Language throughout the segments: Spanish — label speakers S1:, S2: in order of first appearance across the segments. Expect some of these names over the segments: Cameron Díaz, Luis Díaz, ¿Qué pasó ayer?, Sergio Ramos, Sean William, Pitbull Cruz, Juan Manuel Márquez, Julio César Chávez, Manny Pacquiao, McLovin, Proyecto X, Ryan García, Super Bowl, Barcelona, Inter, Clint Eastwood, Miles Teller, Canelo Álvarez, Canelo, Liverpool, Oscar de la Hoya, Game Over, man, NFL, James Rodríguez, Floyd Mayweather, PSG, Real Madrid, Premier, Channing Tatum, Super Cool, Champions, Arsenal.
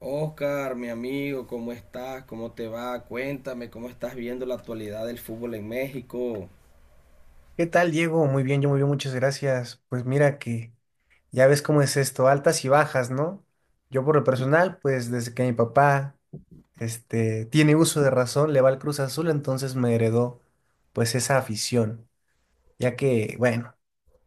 S1: Oscar, mi amigo, ¿cómo estás? ¿Cómo te va? Cuéntame, ¿cómo estás viendo la actualidad del fútbol en México?
S2: ¿Qué tal, Diego? Muy bien, yo muy bien, muchas gracias. Pues mira que ya ves cómo es esto, altas y bajas, ¿no? Yo por lo personal, pues desde que mi papá, tiene uso de razón, le va al Cruz Azul, entonces me heredó, pues esa afición, ya que, bueno,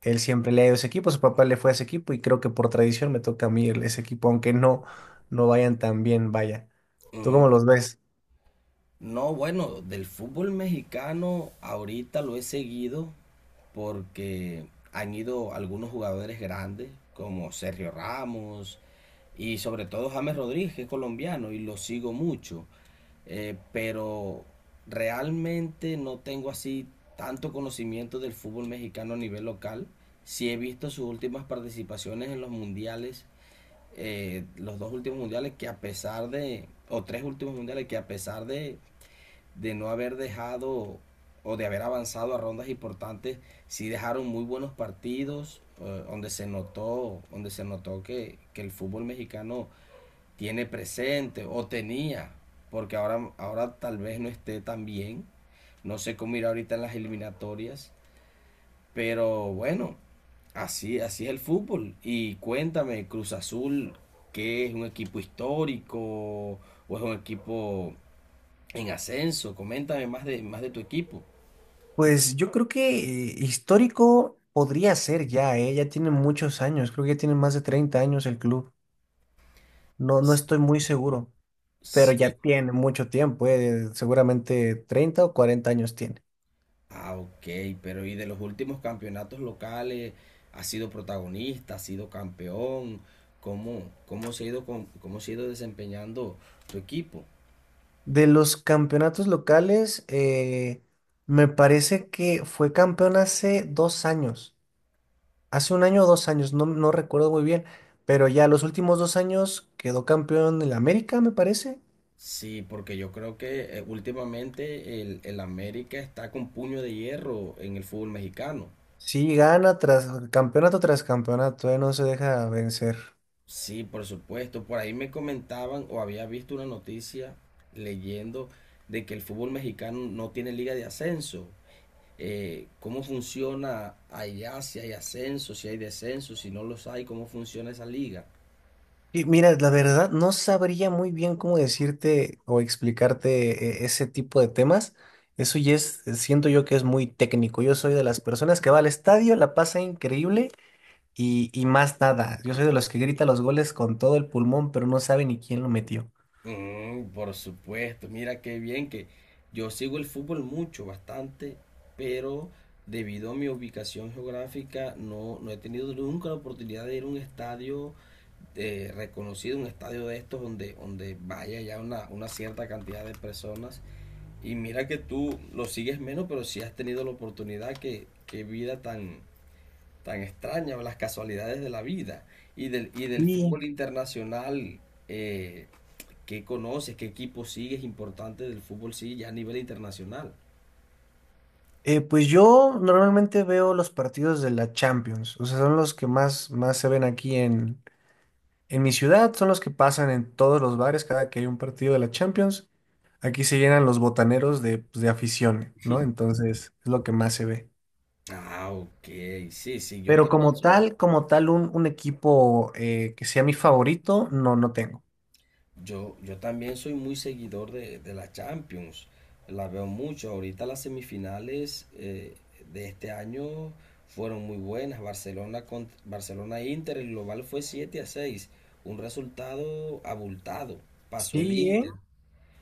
S2: él siempre le ha ido a ese equipo, su papá le fue a ese equipo y creo que por tradición me toca a mí ese equipo, aunque no, no vayan tan bien, vaya. ¿Tú cómo los ves?
S1: No, bueno, del fútbol mexicano ahorita lo he seguido porque han ido algunos jugadores grandes como Sergio Ramos y sobre todo James Rodríguez, que es colombiano y lo sigo mucho. Pero realmente no tengo así tanto conocimiento del fútbol mexicano a nivel local. Sí he visto sus últimas participaciones en los mundiales, los dos últimos mundiales que a pesar de, o tres últimos mundiales que a pesar de no haber dejado o de haber avanzado a rondas importantes, sí dejaron muy buenos partidos donde se notó que el fútbol mexicano tiene presente o tenía, porque ahora, ahora tal vez no esté tan bien. No sé cómo irá ahorita en las eliminatorias, pero bueno, así, así es el fútbol. Y cuéntame, Cruz Azul, ¿qué es un equipo histórico o es un equipo en ascenso? Coméntame más de tu equipo.
S2: Pues yo creo que histórico podría ser ya, ¿eh? Ya tiene muchos años, creo que ya tiene más de 30 años el club. No, no
S1: S-
S2: estoy muy seguro, pero ya
S1: Sí.
S2: tiene mucho tiempo, ¿eh? Seguramente 30 o 40 años tiene.
S1: Ah, ok, pero ¿y de los últimos campeonatos locales? ¿Ha sido protagonista? ¿Ha sido campeón? ¿Cómo, cómo se ha ido, cómo se ha ido desempeñando tu equipo?
S2: De los campeonatos locales, me parece que fue campeón hace 2 años, hace 1 año o 2 años, no, no recuerdo muy bien, pero ya los últimos 2 años quedó campeón el América, me parece.
S1: Sí, porque yo creo que últimamente el América está con puño de hierro en el fútbol mexicano.
S2: Sí, gana tras campeonato, no se deja vencer.
S1: Sí, por supuesto. Por ahí me comentaban o había visto una noticia leyendo de que el fútbol mexicano no tiene liga de ascenso, cómo funciona allá, si hay ascenso, si hay descenso, si no los hay, cómo funciona esa liga.
S2: Y mira, la verdad, no sabría muy bien cómo decirte o explicarte ese tipo de temas. Eso ya es, siento yo que es muy técnico. Yo soy de las personas que va al estadio, la pasa increíble y más nada. Yo soy de los que grita los goles con todo el pulmón, pero no sabe ni quién lo metió.
S1: Mm, por supuesto, mira qué bien que yo sigo el fútbol mucho, bastante, pero debido a mi ubicación geográfica no, no he tenido nunca la oportunidad de ir a un estadio reconocido, un estadio de estos donde, donde vaya ya una cierta cantidad de personas. Y mira que tú lo sigues menos, pero si sí has tenido la oportunidad, que, qué vida tan, tan extraña, las casualidades de la vida y del
S2: Sí,
S1: fútbol internacional, eh, ¿qué conoces? ¿Qué equipo sigues importante del fútbol sí ya a nivel internacional?
S2: pues yo normalmente veo los partidos de la Champions, o sea, son los que más se ven aquí en mi ciudad son los que pasan en todos los bares cada que hay un partido de la Champions. Aquí se llenan los botaneros de, pues, de afición, ¿no? Entonces es lo que más se ve.
S1: Ah, ok, sí, sí, yo
S2: Pero
S1: también soy,
S2: como tal, un equipo que sea mi favorito, no, no tengo.
S1: yo también soy muy seguidor de la Champions, la veo mucho, ahorita las semifinales de este año fueron muy buenas, Barcelona Inter, el global fue 7-6, un resultado abultado, pasó el
S2: Sí,
S1: Inter.
S2: ¿eh?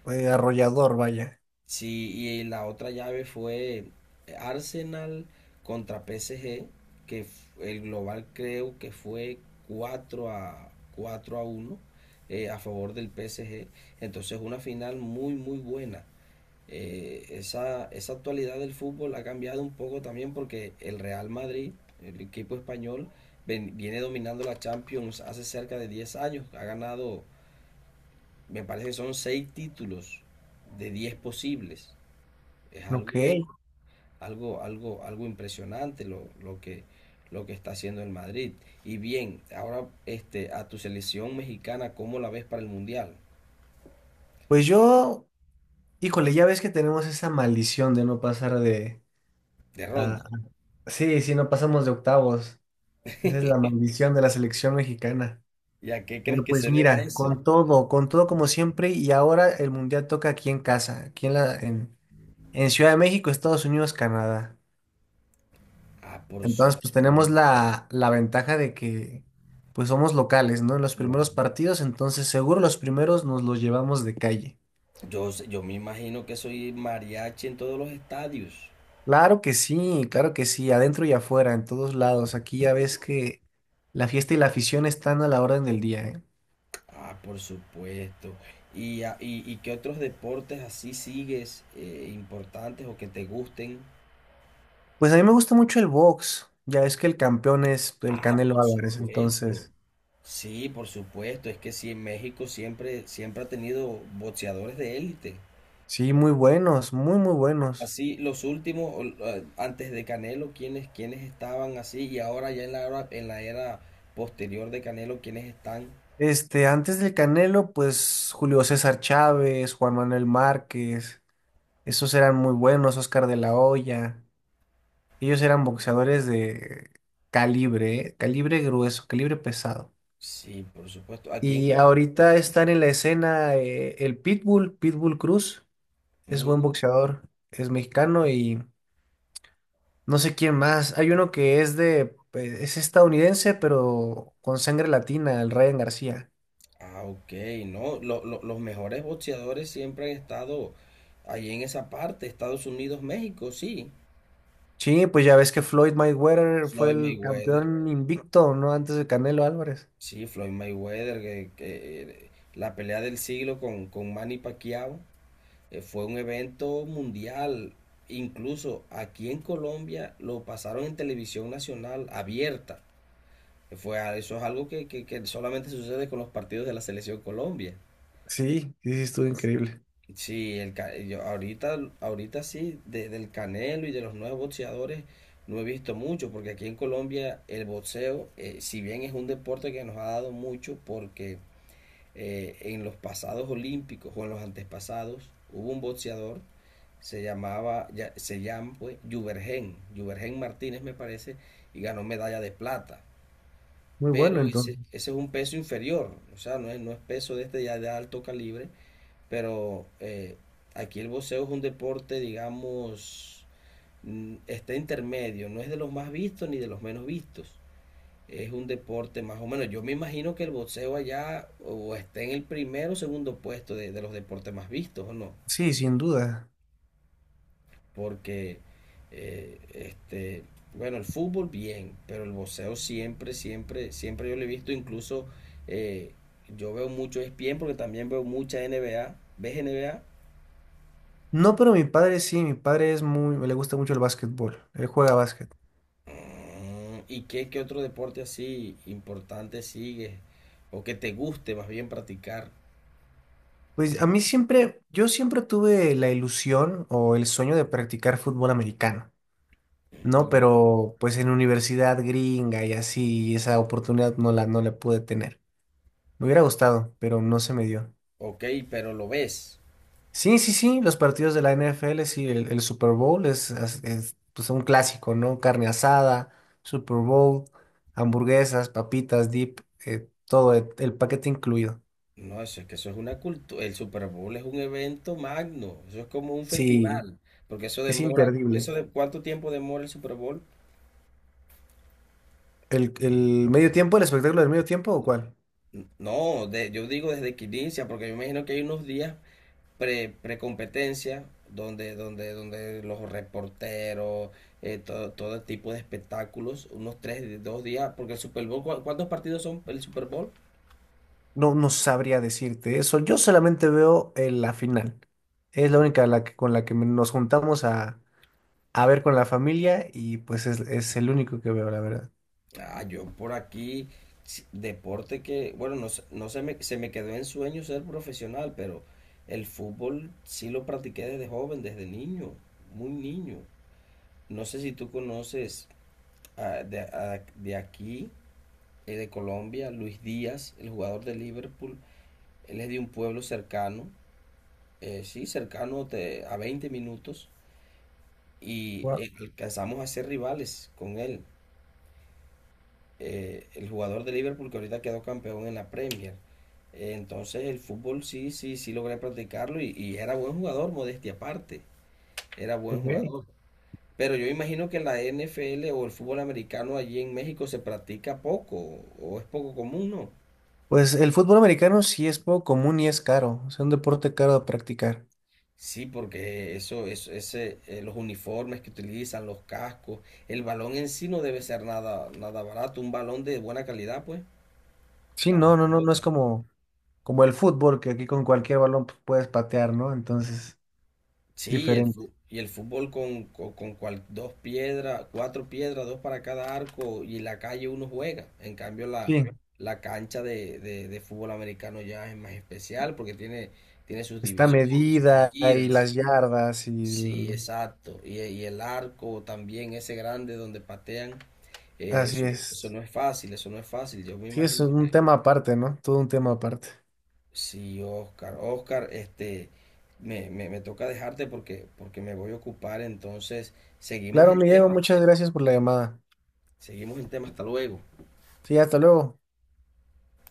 S2: Arrollador, vaya.
S1: Sí, y la otra llave fue Arsenal contra PSG, que el global creo que fue 4-1 a favor del PSG. Entonces una final muy muy buena. Esa, esa actualidad del fútbol ha cambiado un poco también porque el Real Madrid, el equipo español, viene dominando la Champions hace cerca de 10 años. Ha ganado, me parece que son 6 títulos de 10 posibles. Es
S2: Ok.
S1: algo, algo, algo, algo impresionante lo que está haciendo el Madrid. Y bien, ahora este, a tu selección mexicana, ¿cómo la ves para el Mundial
S2: Pues yo, híjole, ya ves que tenemos esa maldición de no pasar de...
S1: de
S2: a-
S1: Ronda?
S2: sí, sí, no pasamos de octavos. Esa es la maldición de la selección mexicana.
S1: ¿Y a qué crees
S2: Pero
S1: que
S2: pues
S1: se deba
S2: mira,
S1: eso?
S2: con todo como siempre, y ahora el mundial toca aquí en casa, aquí en la, en Ciudad de México, Estados Unidos, Canadá.
S1: Ah, por
S2: Entonces, pues tenemos
S1: supuesto.
S2: la ventaja de que pues somos locales, ¿no? En los
S1: No,
S2: primeros partidos, entonces seguro los primeros nos los llevamos de calle.
S1: yo, yo me imagino que soy mariachi en todos los estadios.
S2: Claro que sí, adentro y afuera, en todos lados. Aquí ya ves que la fiesta y la afición están a la orden del día, ¿eh?
S1: Ah, por supuesto. ¿Y, y qué otros deportes así sigues importantes o que te gusten?
S2: Pues a mí me gusta mucho el box. Ya ves que el campeón es el
S1: Ah,
S2: Canelo
S1: por
S2: Álvarez,
S1: supuesto.
S2: entonces.
S1: Sí, por supuesto. Es que sí, en México siempre, siempre ha tenido boxeadores de élite.
S2: Sí, muy buenos, muy, muy buenos.
S1: Así, los últimos, o, antes de Canelo, quienes, quienes estaban así, y ahora ya en la era posterior de Canelo, quienes están.
S2: Antes del Canelo, pues Julio César Chávez, Juan Manuel Márquez, esos eran muy buenos, Oscar de la Hoya. Ellos eran boxeadores de calibre, ¿eh? Calibre grueso, calibre pesado.
S1: Sí, por supuesto. Aquí en
S2: Y ahorita están en la escena el Pitbull, Pitbull Cruz, es buen
S1: Mm,
S2: boxeador, es mexicano y no sé quién más. Hay uno que es de, pues, es estadounidense, pero con sangre latina, el Ryan García.
S1: ah, ok, no. Los mejores boxeadores siempre han estado ahí en esa parte, Estados Unidos, México, sí.
S2: Sí, pues ya ves que Floyd Mayweather fue
S1: Floyd
S2: el
S1: Mayweather.
S2: campeón invicto, ¿no? Antes de Canelo Álvarez.
S1: Sí, Floyd Mayweather, que la pelea del siglo con Manny Pacquiao fue un evento mundial. Incluso aquí en Colombia lo pasaron en televisión nacional abierta. Fue, eso es algo que, que solamente sucede con los partidos de la selección Colombia.
S2: Sí, sí, sí, estuvo increíble.
S1: Sí, el, yo ahorita, ahorita sí, del Canelo y de los nuevos boxeadores no he visto mucho, porque aquí en Colombia el boxeo, si bien es un deporte que nos ha dado mucho, porque en los pasados olímpicos o en los antepasados hubo un boxeador, se llamaba, ya, se llama pues Juvergen, Juvergen Martínez me parece, y ganó medalla de plata.
S2: Muy
S1: Pero
S2: bueno,
S1: ese,
S2: entonces.
S1: ese es un peso inferior, o sea, no es, no es peso de este ya de alto calibre, pero aquí el boxeo es un deporte, digamos, mm, está intermedio, no es de los más vistos ni de los menos vistos, es un deporte más o menos. Yo me imagino que el boxeo allá o está en el primero o segundo puesto de los deportes más vistos, ¿o no?
S2: Sí, sin duda.
S1: Porque, eh, este, bueno, el fútbol bien, pero el boxeo siempre, siempre, siempre yo lo he visto. Incluso eh, yo veo mucho ESPN porque también veo mucha NBA. ¿Ves NBA?
S2: No, pero mi padre sí, mi padre es muy, le gusta mucho el básquetbol, él juega básquet.
S1: Mm, ¿y qué, qué otro deporte así importante sigues? O que te guste más bien practicar.
S2: Pues a mí siempre, yo siempre tuve la ilusión o el sueño de practicar fútbol americano, ¿no?
S1: Mm.
S2: Pero pues en universidad gringa y así, esa oportunidad no la pude tener. Me hubiera gustado, pero no se me dio.
S1: Ok, pero lo ves.
S2: Sí, sí, sí, los partidos de la NFL, sí, el Super Bowl es, pues, un clásico, ¿no? Carne asada, Super Bowl, hamburguesas, papitas, dip, todo el paquete incluido.
S1: No, eso es que eso es una cultura. El Super Bowl es un evento magno. Eso es como un
S2: Sí,
S1: festival. Porque eso
S2: es
S1: demora.
S2: imperdible.
S1: ¿Eso de cuánto tiempo demora el Super Bowl?
S2: El medio tiempo, el espectáculo del medio tiempo o cuál?
S1: No, yo digo desde que inicia, porque yo imagino que hay unos días pre, pre-competencia donde, donde, donde los reporteros, todo, todo tipo de espectáculos, unos tres, dos días. Porque el Super Bowl, ¿cuántos partidos son el Super Bowl?
S2: No, no sabría decirte eso. Yo solamente veo la final. Es la única la que- con la que nos juntamos a ver con la familia y pues es el único que veo, la verdad.
S1: Ah, yo por aquí, deporte que, bueno, no, no se me, se me quedó en sueño ser profesional, pero el fútbol sí lo practiqué desde joven, desde niño, muy niño. No sé si tú conoces ah, de, de aquí, de Colombia, Luis Díaz, el jugador de Liverpool. Él es de un pueblo cercano, sí, cercano a 20 minutos, y
S2: Wow,
S1: alcanzamos a ser rivales con él. El jugador de Liverpool que ahorita quedó campeón en la Premier. Entonces el fútbol sí, sí, sí logré practicarlo y era buen jugador, modestia aparte, era buen
S2: ok.
S1: jugador. Pero yo imagino que la NFL o el fútbol americano allí en México se practica poco o es poco común, ¿no?
S2: Pues el fútbol americano sí es poco común y es caro, es un deporte caro de practicar.
S1: Sí, porque eso ese, los uniformes que utilizan, los cascos, el balón en sí no debe ser nada, nada barato, un balón de buena calidad, pues,
S2: Sí,
S1: la
S2: no, no, no, no es
S1: pelota.
S2: como, como el fútbol, que aquí con cualquier balón pues, puedes patear, ¿no? Entonces, es
S1: Sí,
S2: diferente.
S1: y el fútbol con dos piedras, cuatro piedras, dos para cada arco y la calle uno juega. En cambio, la,
S2: Sí,
S1: la cancha de fútbol americano ya es más especial porque tiene, tiene sus
S2: está
S1: divisiones, sus
S2: medida y
S1: medidas.
S2: las yardas y...
S1: Sí,
S2: el-
S1: exacto. Y el arco también, ese grande donde patean,
S2: Así
S1: eso, eso
S2: es.
S1: no es fácil, eso no es fácil. Yo me
S2: Sí, es
S1: imagino.
S2: un tema aparte, ¿no? Todo un tema aparte.
S1: Sí, Oscar, Oscar, este, me toca dejarte porque, porque me voy a ocupar, entonces seguimos
S2: Claro,
S1: el
S2: Miguel,
S1: tema,
S2: muchas gracias por la llamada.
S1: seguimos el tema, hasta luego.
S2: Sí, hasta luego.